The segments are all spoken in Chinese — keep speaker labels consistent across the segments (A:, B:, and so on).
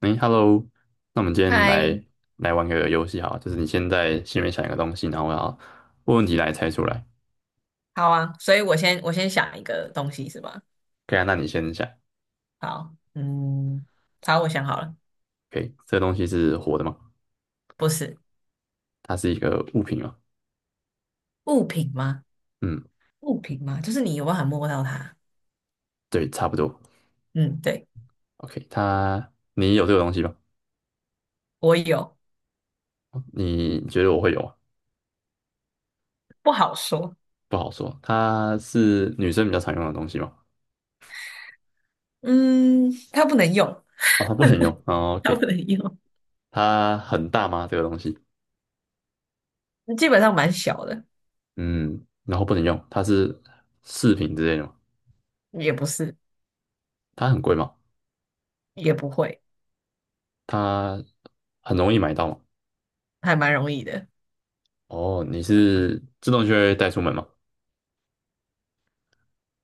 A: 哎，Hello，那我们今天
B: 嗨，
A: 来玩个游戏哈，就是你先在心里面想一个东西，然后我要问问题来猜出来。
B: 好啊，所以我先想一个东西是吧？
A: 可以啊，那你先想。
B: 好，嗯，好，我想好了。
A: OK，这个东西是活的吗？
B: 不是
A: 它是一个物品吗？
B: 物品吗？
A: 嗯，
B: 物品吗？就是你有办法摸到它。
A: 对，差不多。
B: 嗯，对，
A: OK，它你有这个东西吗？
B: 我有。
A: 你觉得我会有吗？
B: 不好说。
A: 不好说。它是女生比较常用的东西吗？
B: 嗯，它不能用。
A: 哦，它不能用。哦
B: 它
A: ，OK，
B: 不能用。
A: 它很大吗？这个东西？
B: 基本上蛮小的。
A: 嗯，然后不能用。它是饰品之类的吗？
B: 也不是。
A: 它很贵吗？
B: 也不会。
A: 它很容易买到嘛。
B: 还蛮容易的。
A: 哦，你是自动就会带出门吗？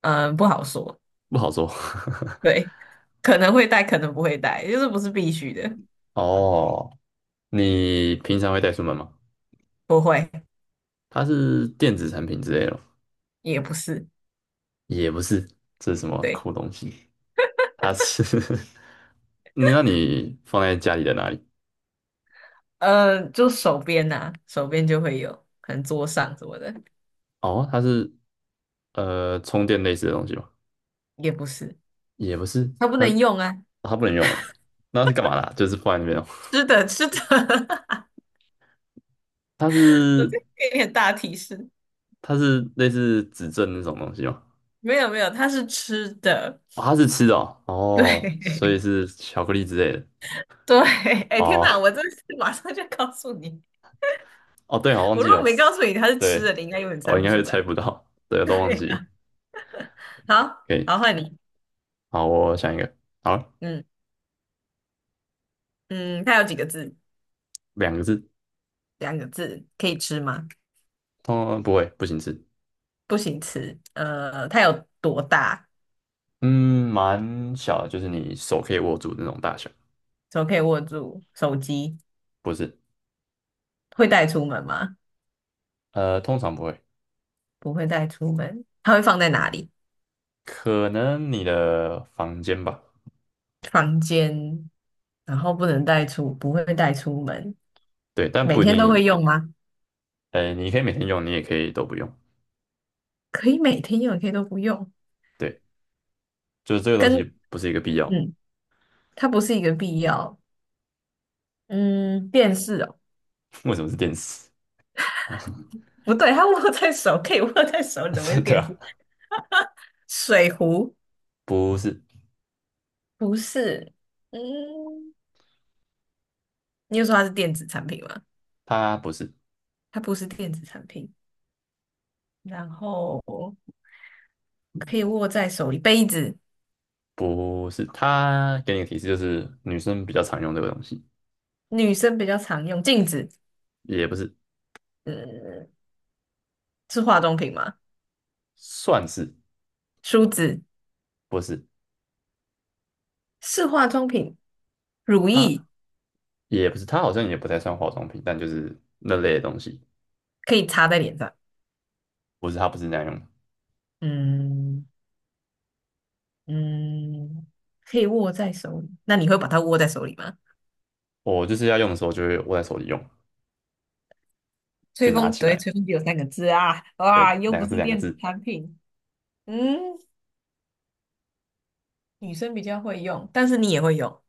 B: 嗯，不好说。
A: 不好说。
B: 对，可能会带，可能不会带，就是不是必须的。
A: 哦，你平常会带出门吗？
B: 不会。
A: 它是电子产品之类的吗？
B: 也不是。
A: 也不是。这是什么
B: 对。
A: 酷东西？它是 你那你放在家里的哪里？
B: 就手边呐、手边就会有，可能桌上什么的。
A: 哦，它是充电类似的东西吗？
B: 也不是。
A: 也不是，
B: 它不
A: 它
B: 能用啊。
A: 它不能用，那是干嘛的啊，就是放在那边哦。
B: 吃的，吃的。
A: 它
B: 我
A: 是
B: 再给你点大提示。
A: 类似指针那种东西吗？
B: 没有没有，它是吃的。
A: 哦，它是吃的哦，哦，所
B: 对。
A: 以是巧克力之类的。
B: 对，哎天哪，
A: 哦，
B: 我真是马上就告诉你。
A: 哦，对，我忘
B: 我
A: 记
B: 如
A: 有
B: 果没告
A: 吃，
B: 诉你它是吃的，
A: 对，
B: 你应该永远猜
A: 我应
B: 不
A: 该
B: 出
A: 会猜
B: 来。
A: 不到，对，我
B: 对
A: 都忘记了。
B: 呀、好，
A: 可以，
B: 好换你。
A: 好，我想一个，好，
B: 嗯嗯，它有几个字？
A: 两个字，
B: 两个字，可以吃吗？
A: 哦，不会，不行吃，
B: 不行吃。它有多大？
A: 嗯，蛮小的，就是你手可以握住的那种大小，
B: 怎么可以握住手机？
A: 不是，
B: 会带出门吗？
A: 呃，通常不会，
B: 不会带出门，它会放在哪里？
A: 可能你的房间吧，
B: 房间，然后不能带出，不会带出门。
A: 对，但
B: 每
A: 不一
B: 天都
A: 定，
B: 会用吗？
A: 呃，你可以每天用，你也可以都不用，
B: 可以每天用，也可以都不用。
A: 对，就是这个东
B: 跟
A: 西不是一个必要，
B: 嗯，它不是一个必要。嗯，电视哦，
A: 为什么是电视？啊？
B: 不对，它握在手，可以握在手，怎么会是
A: 对
B: 电
A: 啊，
B: 视？水壶
A: 不是。
B: 不是。嗯，你又说它是电子产品吗？
A: 它不是，
B: 它不是电子产品。然后可以握在手里，杯子，
A: 不是，它给你的提示就是女生比较常用这个东西，
B: 女生比较常用，镜子。
A: 也不是，
B: 嗯，是化妆品吗？
A: 算是
B: 梳子
A: 不是，
B: 是化妆品，乳液
A: 它也不是，它好像也不太算化妆品，但就是那类的东西，
B: 可以擦在脸上。
A: 不是，它不是那样用的。
B: 嗯嗯，可以握在手里。那你会把它握在手里吗？
A: 我就是要用的时候就会握在手里用，就
B: 吹
A: 拿
B: 风，
A: 起
B: 对，
A: 来，
B: 吹风机有三个字啊，哇，
A: 对，
B: 又
A: 两
B: 不
A: 个字
B: 是
A: 两个
B: 电子
A: 字，
B: 产品。嗯，女生比较会用，但是你也会用。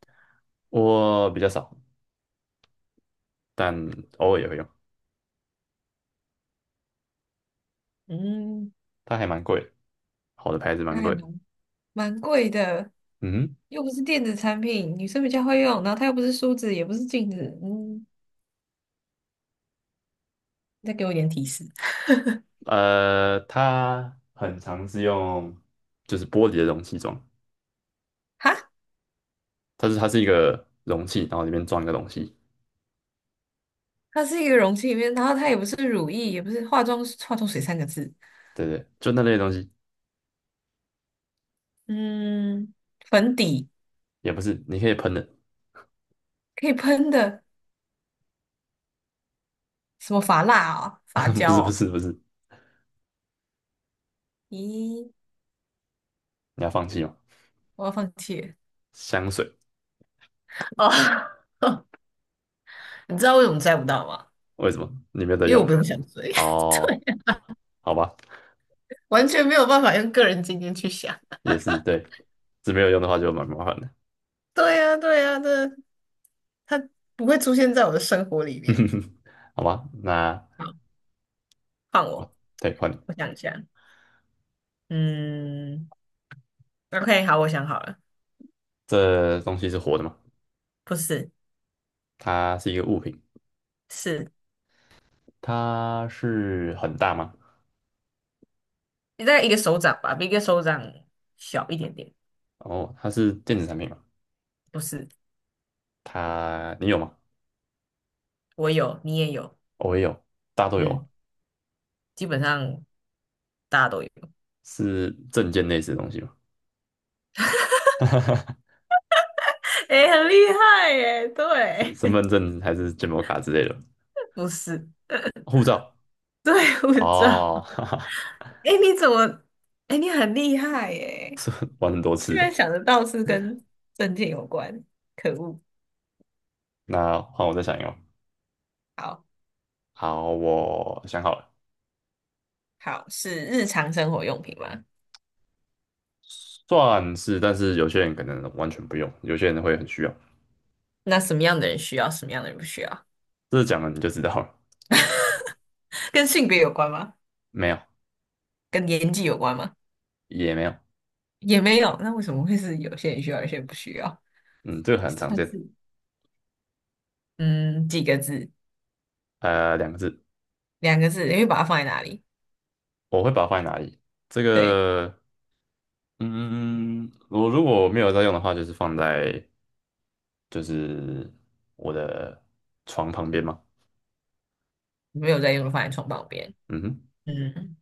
A: 我比较少，但偶尔也会用，
B: 嗯，
A: 它还蛮贵的，好的牌子蛮
B: 那还
A: 贵的，
B: 蛮蛮贵的，
A: 嗯哼，
B: 又不是电子产品，女生比较会用，然后它又不是梳子，也不是镜子。嗯，再给我一点提示。
A: 它很常是用就是玻璃的容器装。
B: 哈，
A: 它是一个容器，然后里面装一个东西，
B: 它是一个容器里面，然后它也不是乳液，也不是化妆水三个字。
A: 对不对，就那类的东西，
B: 嗯，粉底
A: 也不是，你可以喷的，
B: 可以喷的，什么发蜡啊、发
A: 不
B: 胶
A: 是不
B: 哦。
A: 是不是，
B: 咦，
A: 你要放弃吗？
B: 我要放弃
A: 香水。
B: 了哦。你知道为什么猜不到吗？
A: 为什么你没有在
B: 因为
A: 用？
B: 我不用想追。
A: 哦，
B: 对啊，
A: 好吧，
B: 完全没有办法用个人经验去想。
A: 也是对，是没有用的话就蛮麻烦的，
B: 对呀，对呀，这它不会出现在我的生活里面。
A: 好吧，那
B: 好，换我，
A: 对换你，
B: 我想一下。嗯，OK，好，我想好了。
A: 这东西是活的吗？
B: 不是。
A: 它是一个物品，
B: 是。
A: 它是很大吗？
B: 你大概一个手掌吧，比一个手掌小一点点。
A: 哦，它是电子产品吗？
B: 不是。
A: 它你有吗？
B: 我有，你也有。
A: 哦我也有，大家都有啊，
B: 嗯，基本上大家都有。
A: 是证件类似的东西吗？
B: 哎，很厉害耶！对。
A: 身份证还是建模卡之类的，
B: 不是，
A: 护照。
B: 对，护照。
A: 哦，哈哈，
B: 哎，你怎么？哎，你很厉害耶！
A: 玩很多
B: 居
A: 次。
B: 然想得到是跟证件有关。可恶！
A: 那换我再想一个。
B: 好。
A: 好，我想好了，
B: 好，是日常生活用品吗？
A: 算是，但是有些人可能完全不用，有些人会很需要。
B: 那什么样的人需要，什么样的人不需要？
A: 这讲了你就知道了，
B: 跟性别有关吗？
A: 没有，
B: 跟年纪有关吗？
A: 也没有，
B: 也没有，那为什么会是有些人需要，有些人不需要？
A: 嗯，这个 很常
B: 算是
A: 见，
B: 嗯，几个字，
A: 呃，两个字，
B: 两个字，你会把它放在哪里？
A: 我会把它放在哪里？这
B: 对，
A: 个，嗯，嗯我如果没有在用的话，就是放在就是我的床旁边嘛，
B: 没有在用，放在床旁边。
A: 嗯哼。
B: 嗯，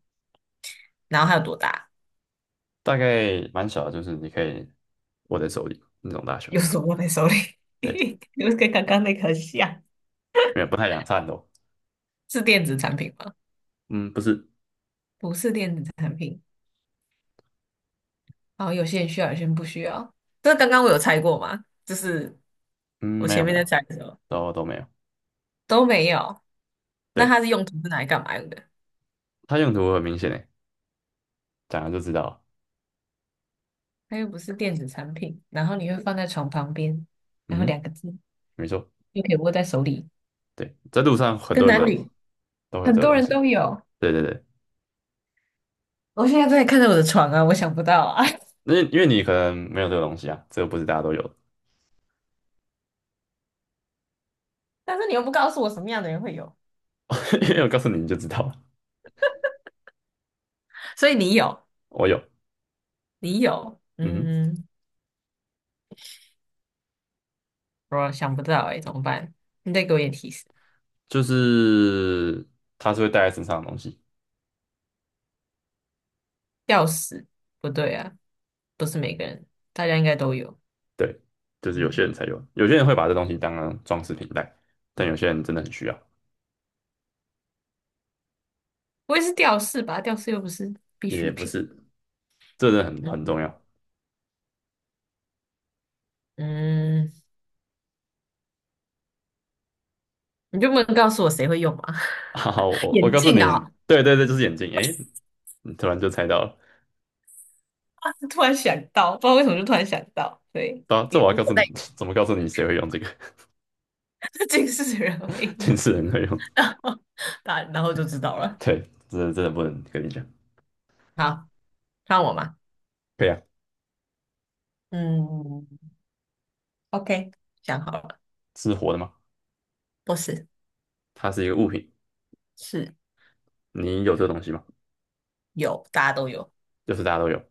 B: 然后它有多大？
A: 大概蛮小的，就是你可以握在手里那种大小。
B: 用手握在手里？
A: 对，
B: 就跟刚刚那个很像。
A: 没有不太阳伞哦。
B: 是电子产品吗？
A: 嗯，不是，
B: 不是电子产品。然后有些人需要，有些人不需要。这刚刚我有猜过吗？就是
A: 嗯，
B: 我
A: 没
B: 前
A: 有没
B: 面在
A: 有，
B: 猜的时候
A: 都没有。
B: 都没有。那
A: 对，
B: 它是用途是拿来干嘛用的？
A: 它用途很明显诶，讲了就知道了。
B: 它又不是电子产品，然后你会放在床旁边，然后
A: 嗯，
B: 两个字
A: 没错。
B: 又可以握在手里，
A: 对，在路上很
B: 跟
A: 多人都
B: 男女
A: 有都会有
B: 很
A: 这个
B: 多
A: 东
B: 人
A: 西。
B: 都有。
A: 对对对，
B: 我现在在看着我的床啊，我想不到啊。
A: 那因为你可能没有这个东西啊，这个不是大家都有的。
B: 但是你又不告诉我什么样的人会有，
A: 因为我告诉你，你就知道了。
B: 所以你有。
A: 我有，
B: 你有。
A: 嗯哼，
B: 嗯，我想不到哎、怎么办？你再给我一点提示。
A: 就是它是会带在身上的东西。
B: 吊饰不对啊，不是每个人，大家应该都有。
A: 对，就是有些
B: 嗯，
A: 人才有，有些人会把这东西当成装饰品戴，但有些人真的很需要。
B: 不会是吊饰吧？吊饰又不是必
A: 也
B: 需
A: 不
B: 品。
A: 是，这真的很
B: 嗯
A: 重要。
B: 嗯，你就不能告诉我谁会用吗？
A: 好，我
B: 眼
A: 告诉你，
B: 镜啊，
A: 对对对，就是眼镜。诶，你突然就猜到了，
B: 啊突然想到，不知道为什么就突然想到。对，
A: 对啊，这
B: 也
A: 我要
B: 无
A: 告诉
B: 所
A: 你，
B: 谓。
A: 怎么告诉你谁会用这个？
B: 近视的人 会
A: 近
B: 用。
A: 视人会用。
B: 大然后就知道 了。
A: 对，这真的不能跟你讲。
B: 好，看我吗？
A: 可以啊，
B: 嗯，OK，想好了。
A: 是活的吗？
B: 不是。
A: 它是一个物品，
B: 是
A: 你有这个东西吗？
B: 有，大家都有。
A: 就是大家都有。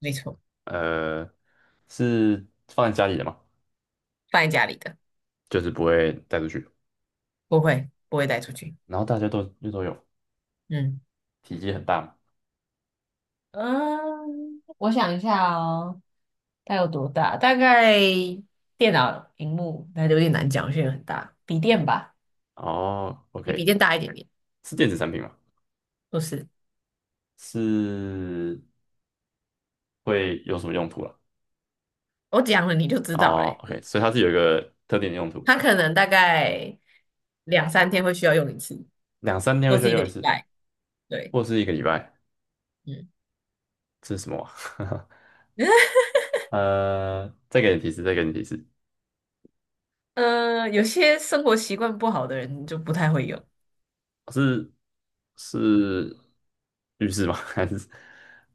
B: 没错。
A: 呃，是放在家里的吗？
B: 放在家里的，
A: 就是不会带出去，
B: 不会，不会带出去。
A: 然后大家都又都有，
B: 嗯
A: 体积很大嘛。
B: 嗯，我想一下哦。它有多大？大概电脑屏幕那就有点难讲，现在很大，笔电吧。
A: 哦
B: 比笔
A: ，OK，
B: 电大一点点。
A: 是电子产品吗？
B: 不是。
A: 是会有什么用途啦？
B: 我讲了你就知道
A: 哦
B: 嘞。
A: ，OK，所以它是有一个特定的用途，
B: 它可能大概两三天会需要用一次，
A: 两三天会
B: 或
A: 需
B: 是
A: 要
B: 一个
A: 用一
B: 礼
A: 次，
B: 拜。对。
A: 或是一个礼拜，
B: 嗯。
A: 这是什么啊？呃，再给你提示，再给你提示，
B: 有些生活习惯不好的人就不太会用
A: 是是浴室吗？还是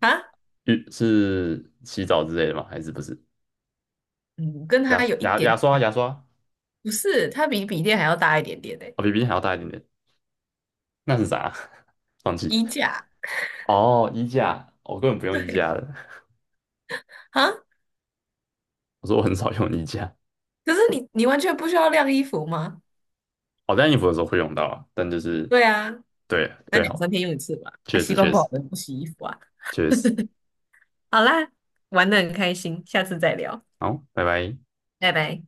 B: 啊。
A: 浴是洗澡之类的吗？还是不是？
B: 嗯，跟他
A: 牙
B: 有一
A: 牙
B: 点
A: 牙刷
B: 点。
A: 牙刷，
B: 不是，它比笔电还要大一点点诶。
A: 哦，比冰箱还要大一点点，那是啥？忘记
B: 衣架。
A: 哦，衣架，哦我根本不用衣
B: 对
A: 架的，
B: 啊，
A: 我说我很少用衣架，
B: 可是你完全不需要晾衣服吗？
A: 我、哦晾衣服的时候会用到啊，但就是
B: 对啊，
A: 对
B: 那
A: 对，
B: 两三
A: 好，
B: 天用一次吧。啊，
A: 确实
B: 习惯
A: 确
B: 不
A: 实
B: 好的人不洗衣服啊。
A: 确实。
B: 好啦，玩的很开心，下次再聊，
A: 好，拜拜。
B: 拜拜。